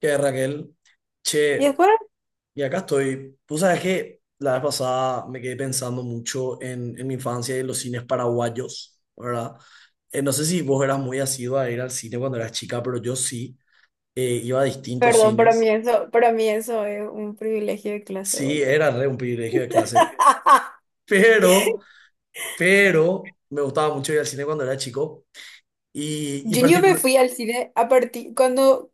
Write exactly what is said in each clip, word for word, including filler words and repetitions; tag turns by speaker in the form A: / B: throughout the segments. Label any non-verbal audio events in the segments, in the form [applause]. A: Que Raquel,
B: Y
A: che,
B: es por-
A: y acá estoy. Tú sabes que la vez pasada me quedé pensando mucho en, en mi infancia y en los cines paraguayos, ¿verdad? Eh, no sé si vos eras muy asidua a ir al cine cuando eras chica, pero yo sí, eh, iba a distintos
B: Perdón, para mí
A: cines.
B: eso, para mí eso es un privilegio de clase,
A: Sí,
B: boludo.
A: era re un privilegio de clase,
B: [laughs]
A: pero, pero me gustaba mucho ir al cine cuando era chico. Y, y
B: Yo yo me
A: particular,
B: fui al cine a partir, cuando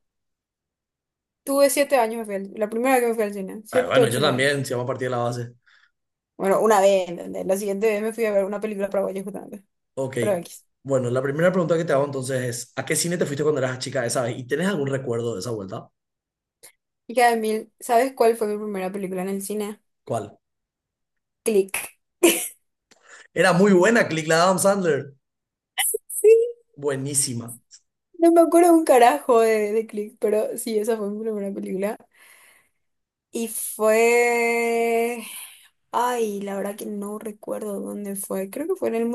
B: tuve siete años me fui al- la primera vez que me fui al cine,
A: ah,
B: siete,
A: bueno, yo
B: ocho, nueve años.
A: también, si vamos a partir de la base.
B: Bueno, una vez, ¿entendés? La siguiente vez me fui a ver una película paraguaya justamente,
A: Ok.
B: pero X.
A: Bueno, la primera pregunta que te hago entonces es, ¿a qué cine te fuiste cuando eras chica esa vez? ¿Y tenés algún recuerdo de esa vuelta?
B: Y cada mil, ¿sabes cuál fue mi primera película en el cine?
A: ¿Cuál?
B: Click.
A: Era muy buena, Click, la de Adam Sandler.
B: Sí,
A: Buenísima.
B: no me acuerdo un carajo de, de Click, pero sí, esa fue mi primera película. Y fue... Ay, la verdad que no recuerdo dónde fue. Creo que fue en el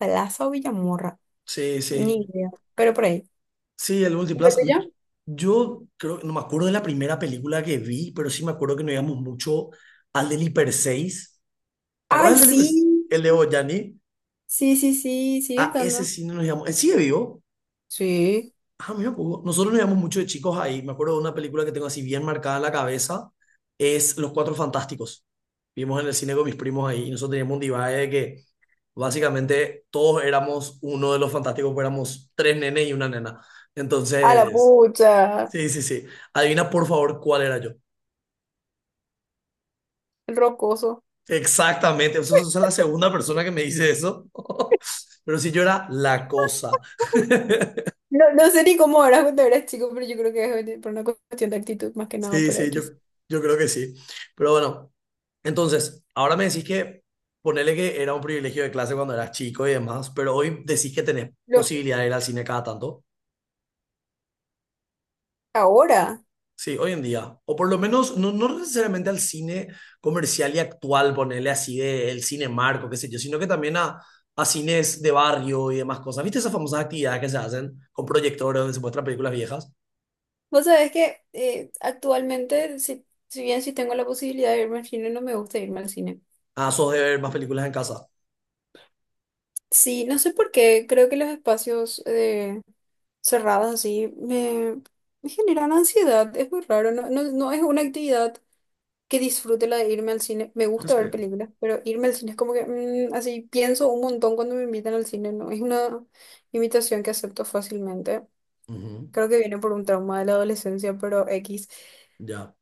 B: Multiplaza o Villamorra.
A: Sí,
B: Ni
A: sí.
B: idea. Pero por ahí.
A: Sí, el
B: ¿Y lo
A: Multiplus.
B: tuyo?
A: Yo creo, no me acuerdo de la primera película que vi, pero sí me acuerdo que nos íbamos mucho al del Hiper seis. ¿Te
B: ¡Ay,
A: acuerdas del
B: sí!
A: Hiper seis? El de Boyani.
B: Sí, sí, sí. Sigue
A: A ese
B: estando.
A: cine nos íbamos. ¿Sigue vivo?
B: Sí.
A: Ah, mira, Hugo, nosotros nos íbamos mucho de chicos ahí. Me acuerdo de una película que tengo así bien marcada en la cabeza, es Los Cuatro Fantásticos. Vimos en el cine con mis primos ahí y nosotros teníamos un divide de que básicamente todos éramos uno de los fantásticos, pues éramos tres nenes y una nena.
B: A la
A: Entonces,
B: pucha.
A: sí, sí, sí. Adivina por favor cuál era yo.
B: El rocoso.
A: Exactamente, eso eso es la segunda persona que me dice eso. [laughs] Pero sí, yo era la cosa.
B: No, no sé ni cómo eras cuando eras chico, pero yo creo que es por una cuestión de actitud más que nada,
A: Sí,
B: pero
A: sí,
B: aquí.
A: yo, yo creo que sí. Pero bueno. Entonces, ahora me decís que ponele que era un privilegio de clase cuando eras chico y demás, pero hoy decís que tenés
B: Lo,
A: posibilidad de ir al cine cada tanto.
B: ahora,
A: Sí, hoy en día. O por lo menos, no, no necesariamente al cine comercial y actual, ponele así de el cine marco, qué sé yo, sino que también a, a cines de barrio y demás cosas. ¿Viste esas famosas actividades que se hacen con proyectores donde se muestran películas viejas?
B: vos sabés que eh, actualmente, si, si bien sí tengo la posibilidad de irme al cine, no me gusta irme al cine.
A: Ah, sos de ver más películas en casa.
B: Sí, no sé por qué, creo que los espacios eh, cerrados así me, me generan ansiedad, es muy raro, no, no, no es una actividad que disfrute la de irme al cine, me
A: ¿En
B: gusta ver
A: serio?
B: películas, pero irme al cine es como que mm, así pienso un montón cuando me invitan al cine, no es una invitación que acepto fácilmente,
A: Ujú.
B: creo que viene por un trauma de la adolescencia, pero X,
A: Ya.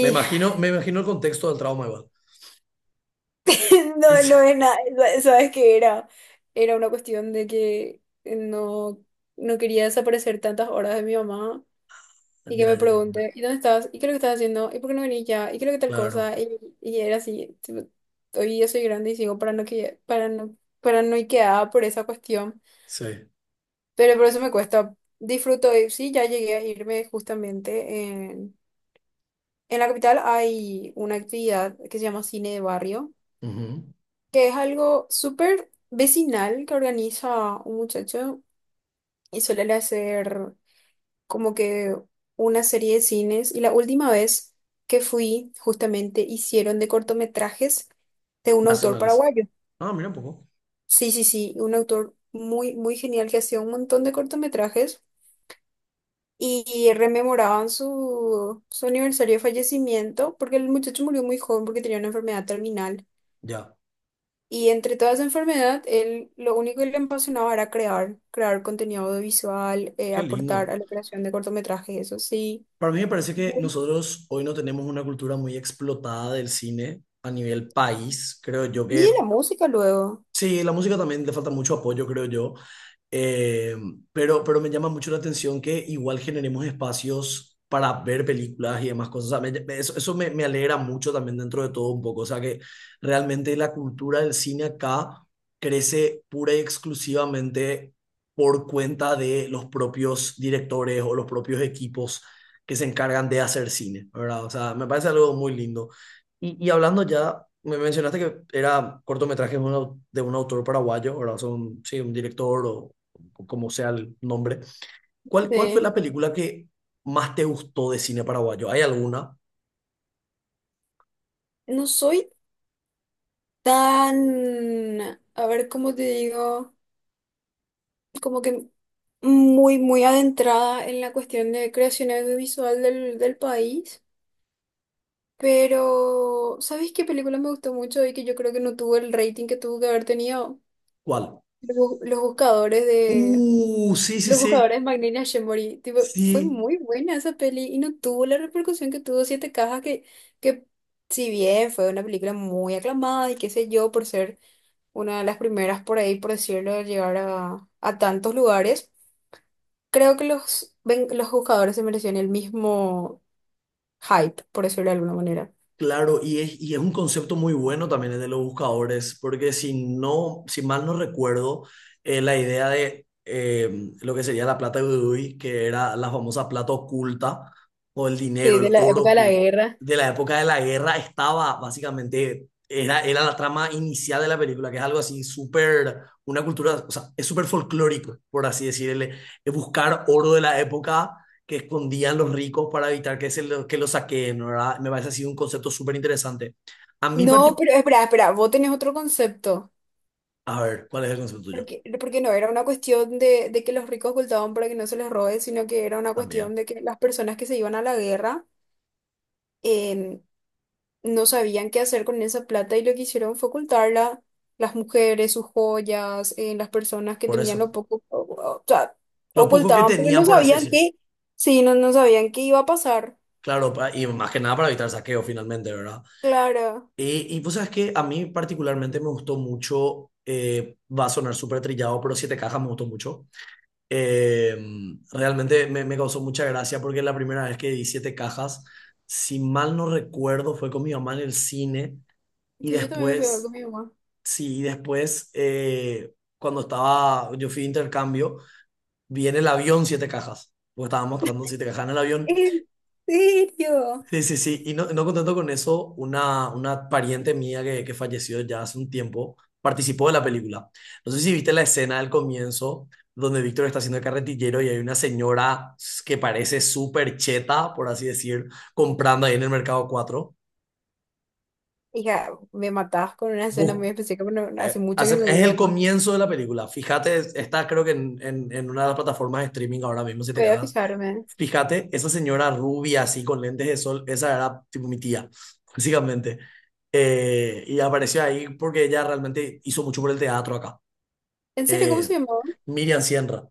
A: Me imagino, me imagino el contexto del trauma igual.
B: [laughs] no, no
A: [laughs]
B: es nada, sabes que era, era una cuestión de que no no quería desaparecer tantas horas de mi mamá. Y que
A: Ya, ya,
B: me
A: ya.
B: pregunte, ¿y dónde estás? ¿Y qué es lo que estás haciendo? ¿Y por qué no venís ya? ¿Y qué es lo que tal
A: Claro.
B: cosa? Y, y era así. Tipo, hoy ya soy grande y sigo parano que, parano, paranoiqueada por esa cuestión.
A: Sí.
B: Pero por eso me cuesta. Disfruto, y sí, ya llegué a irme justamente. En, en la capital hay una actividad que se llama cine de barrio,
A: Ujú.
B: que es algo súper vecinal que organiza un muchacho y suele hacer, como que una serie de cines, y la última vez que fui justamente hicieron de cortometrajes de un autor
A: Nacionales.
B: paraguayo.
A: Ah, mira un poco.
B: Sí, sí, sí, un autor muy, muy genial que hacía un montón de cortometrajes y, y rememoraban su, su aniversario de fallecimiento porque el muchacho murió muy joven porque tenía una enfermedad terminal.
A: Ya.
B: Y entre toda esa enfermedad, él lo único que le apasionaba era crear, crear contenido audiovisual, eh,
A: Qué
B: aportar
A: lindo.
B: a la creación de cortometrajes, eso sí.
A: Para mí me parece que nosotros hoy no tenemos una cultura muy explotada del cine a nivel país. Creo yo
B: Y de
A: que.
B: la música luego.
A: Sí, la música también le falta mucho apoyo, creo yo. Eh, pero, pero me llama mucho la atención que igual generemos espacios para ver películas y demás cosas. O sea, me- me- eso eso me, me alegra mucho también dentro de todo un poco. O sea, que realmente la cultura del cine acá crece pura y exclusivamente por cuenta de los propios directores o los propios equipos que se encargan de hacer cine, ¿verdad? O sea, me parece algo muy lindo. Y, y hablando ya, me mencionaste que era cortometraje de un, au- de un autor paraguayo, ahora son sí, un director o, o como sea el nombre. ¿Cuál, cuál fue
B: Sí.
A: la película que más te gustó de cine paraguayo? ¿Hay alguna?
B: No soy tan, a ver, ¿cómo te digo? Como que muy, muy adentrada en la cuestión de creación audiovisual del, del país. Pero, ¿sabes qué película me gustó mucho y que yo creo que no tuvo el rating que tuvo que haber tenido?
A: ¿Cuál?
B: Los, Bu- Los Buscadores.
A: Uh, sí, sí,
B: Los
A: sí.
B: buscadores Magnini Shemori, tipo, fue
A: Sí.
B: muy buena esa peli y no tuvo la repercusión que tuvo Siete Cajas, que, que si bien fue una película muy aclamada y qué sé yo, por ser una de las primeras por ahí, por decirlo, de llegar a, a tantos lugares, creo que los, ven- los buscadores se merecían el mismo hype, por decirlo de alguna manera.
A: Claro, y es, y es, un concepto muy bueno también el de los buscadores, porque si no, si mal no recuerdo, eh, la idea de eh, lo que sería la plata de Udui, que era la famosa plata oculta, o el
B: Sí,
A: dinero, el
B: de la
A: oro
B: época de la
A: oculto,
B: guerra.
A: de la época de la guerra estaba básicamente, era, era la trama inicial de la película, que es algo así súper, una cultura, o sea, es súper folclórico, por así decirle, buscar oro de la época que escondían los ricos para evitar que, se lo, que los saqueen, ¿verdad? Me parece así un concepto súper interesante. A mí
B: No,
A: particular,
B: pero espera, espera, vos tenés otro concepto.
A: a ver, ¿cuál es el concepto tuyo?
B: Porque, porque no era una cuestión de, de que los ricos ocultaban para que no se les robe, sino que era una
A: También,
B: cuestión de que las personas que se iban a la guerra em, no sabían qué hacer con esa plata y lo que hicieron fue ocultarla, las mujeres, sus joyas, eh, las personas que
A: por
B: tenían
A: eso.
B: lo poco, o, o sea,
A: Lo poco que
B: ocultaban porque
A: tenían
B: no
A: por
B: sabían
A: acceso.
B: qué, sí, no, no sabían qué iba a pasar.
A: Claro, pa- y más que nada para evitar saqueo finalmente, ¿verdad?
B: Claro,
A: Y, y pues sabes que a mí particularmente me gustó mucho, eh, va a sonar súper trillado, pero Siete Cajas me gustó mucho. Eh, realmente me, me causó mucha gracia porque la primera vez que vi Siete Cajas, si mal no recuerdo, fue con mi mamá en el cine y
B: sí, yo también me fui a ver
A: después.
B: con mi mamá.
A: Sí, después, eh, cuando estaba, yo fui de intercambio, vi en el avión siete cajas, porque estaba mostrando siete cajas en el avión.
B: ¿En serio?
A: Sí, sí, sí, y no, no contento con eso, una, una pariente mía que, que falleció ya hace un tiempo participó de la película. No sé si viste la escena del comienzo, donde Víctor está haciendo el carretillero y hay una señora que parece súper cheta, por así decir, comprando ahí en el mercado cuatro.
B: Hija, me matás con una escena muy específica, pero no- hace
A: Eh,
B: mucho que
A: hace-
B: no
A: es el
B: veo más.
A: comienzo de la película. Fíjate, es- está creo que en, en- en una de las plataformas de streaming ahora mismo, si te
B: Voy a
A: cagas.
B: fijarme.
A: Fíjate, esa señora rubia así con lentes de sol, esa era tipo mi tía, básicamente. Eh, y apareció ahí porque ella realmente hizo mucho por el teatro acá.
B: ¿En serio? ¿Cómo
A: Eh,
B: se llamaba?
A: Miriam Sierra.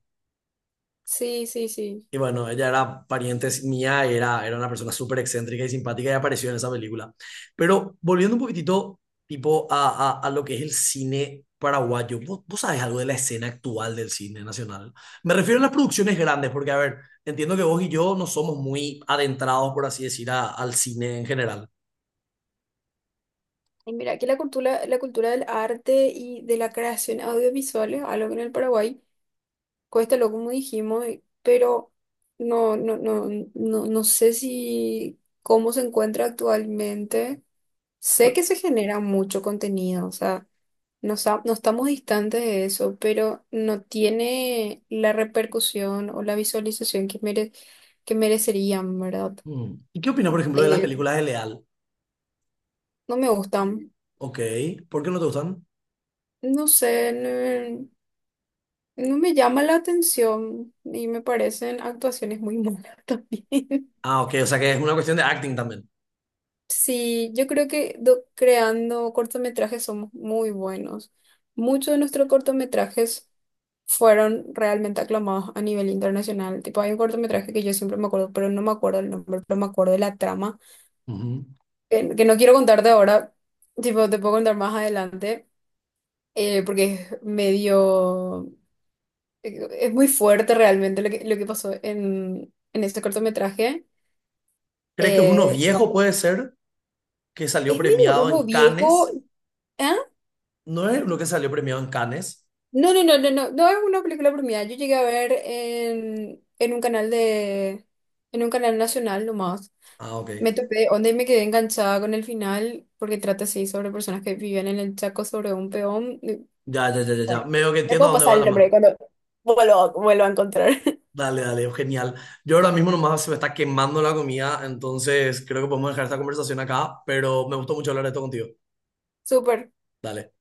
B: Sí, sí, sí.
A: Y bueno, ella era pariente mía, y era, era una persona súper excéntrica y simpática y apareció en esa película. Pero volviendo un poquitito, tipo, a, a, a lo que es el cine paraguayo, ¿vos, vos sabés algo de la escena actual del cine nacional? Me refiero a las producciones grandes, porque, a ver, entiendo que vos y yo no somos muy adentrados, por así decir, a- al cine en general.
B: Y mira, aquí la cultura, la cultura del arte y de la creación audiovisual es algo que en el Paraguay cuesta lo como dijimos, eh, pero no, no, no, no, no sé si cómo se encuentra actualmente. Sé que se genera mucho contenido, o sea, no, sa- no estamos distantes de eso, pero no tiene la repercusión o la visualización que mere- que merecerían, ¿verdad?
A: Mm. ¿Y qué opinas, por ejemplo, de las
B: Eh,
A: películas de Leal?
B: no me gustan.
A: Ok, ¿por qué no te gustan?
B: No sé, no, no me llama la atención y me parecen actuaciones muy malas [laughs] también.
A: Ah, ok, o sea que es una cuestión de acting también.
B: Sí, yo creo que do- creando cortometrajes somos muy buenos. Muchos de nuestros cortometrajes fueron realmente aclamados a nivel internacional. Tipo, hay un cortometraje que yo siempre me acuerdo, pero no me acuerdo el nombre, pero me acuerdo de la trama,
A: Ujú.
B: que, que no quiero contarte ahora, tipo, te puedo contar más adelante, eh, porque es medio... eh, es muy fuerte realmente lo que, lo que pasó en, en este cortometraje.
A: ¿Crees que es uno
B: Eh, no,
A: viejo, puede ser? Que salió
B: es medio
A: premiado
B: uno
A: en
B: viejo.
A: Cannes.
B: ¿Ah?
A: ¿No es lo que salió premiado en Cannes?
B: No, no, no, no, no. No es una película premiada. Yo llegué a ver en, en un canal de, en un canal nacional nomás.
A: Ah, ok.
B: Me topé, donde me quedé enganchada con el final, porque trata así sobre personas que viven en el Chaco sobre un peón. Y,
A: Ya, ya, ya, ya, ya.
B: bueno,
A: Medio que
B: le
A: entiendo a
B: puedo
A: dónde
B: pasar
A: va la
B: el nombre
A: mano.
B: cuando vuelvo, vuelvo a encontrar. [laughs]
A: Dale, dale, genial. Yo ahora mismo nomás se me está quemando la comida, entonces creo que podemos dejar esta conversación acá, pero me gustó mucho hablar de esto contigo.
B: Súper.
A: Dale.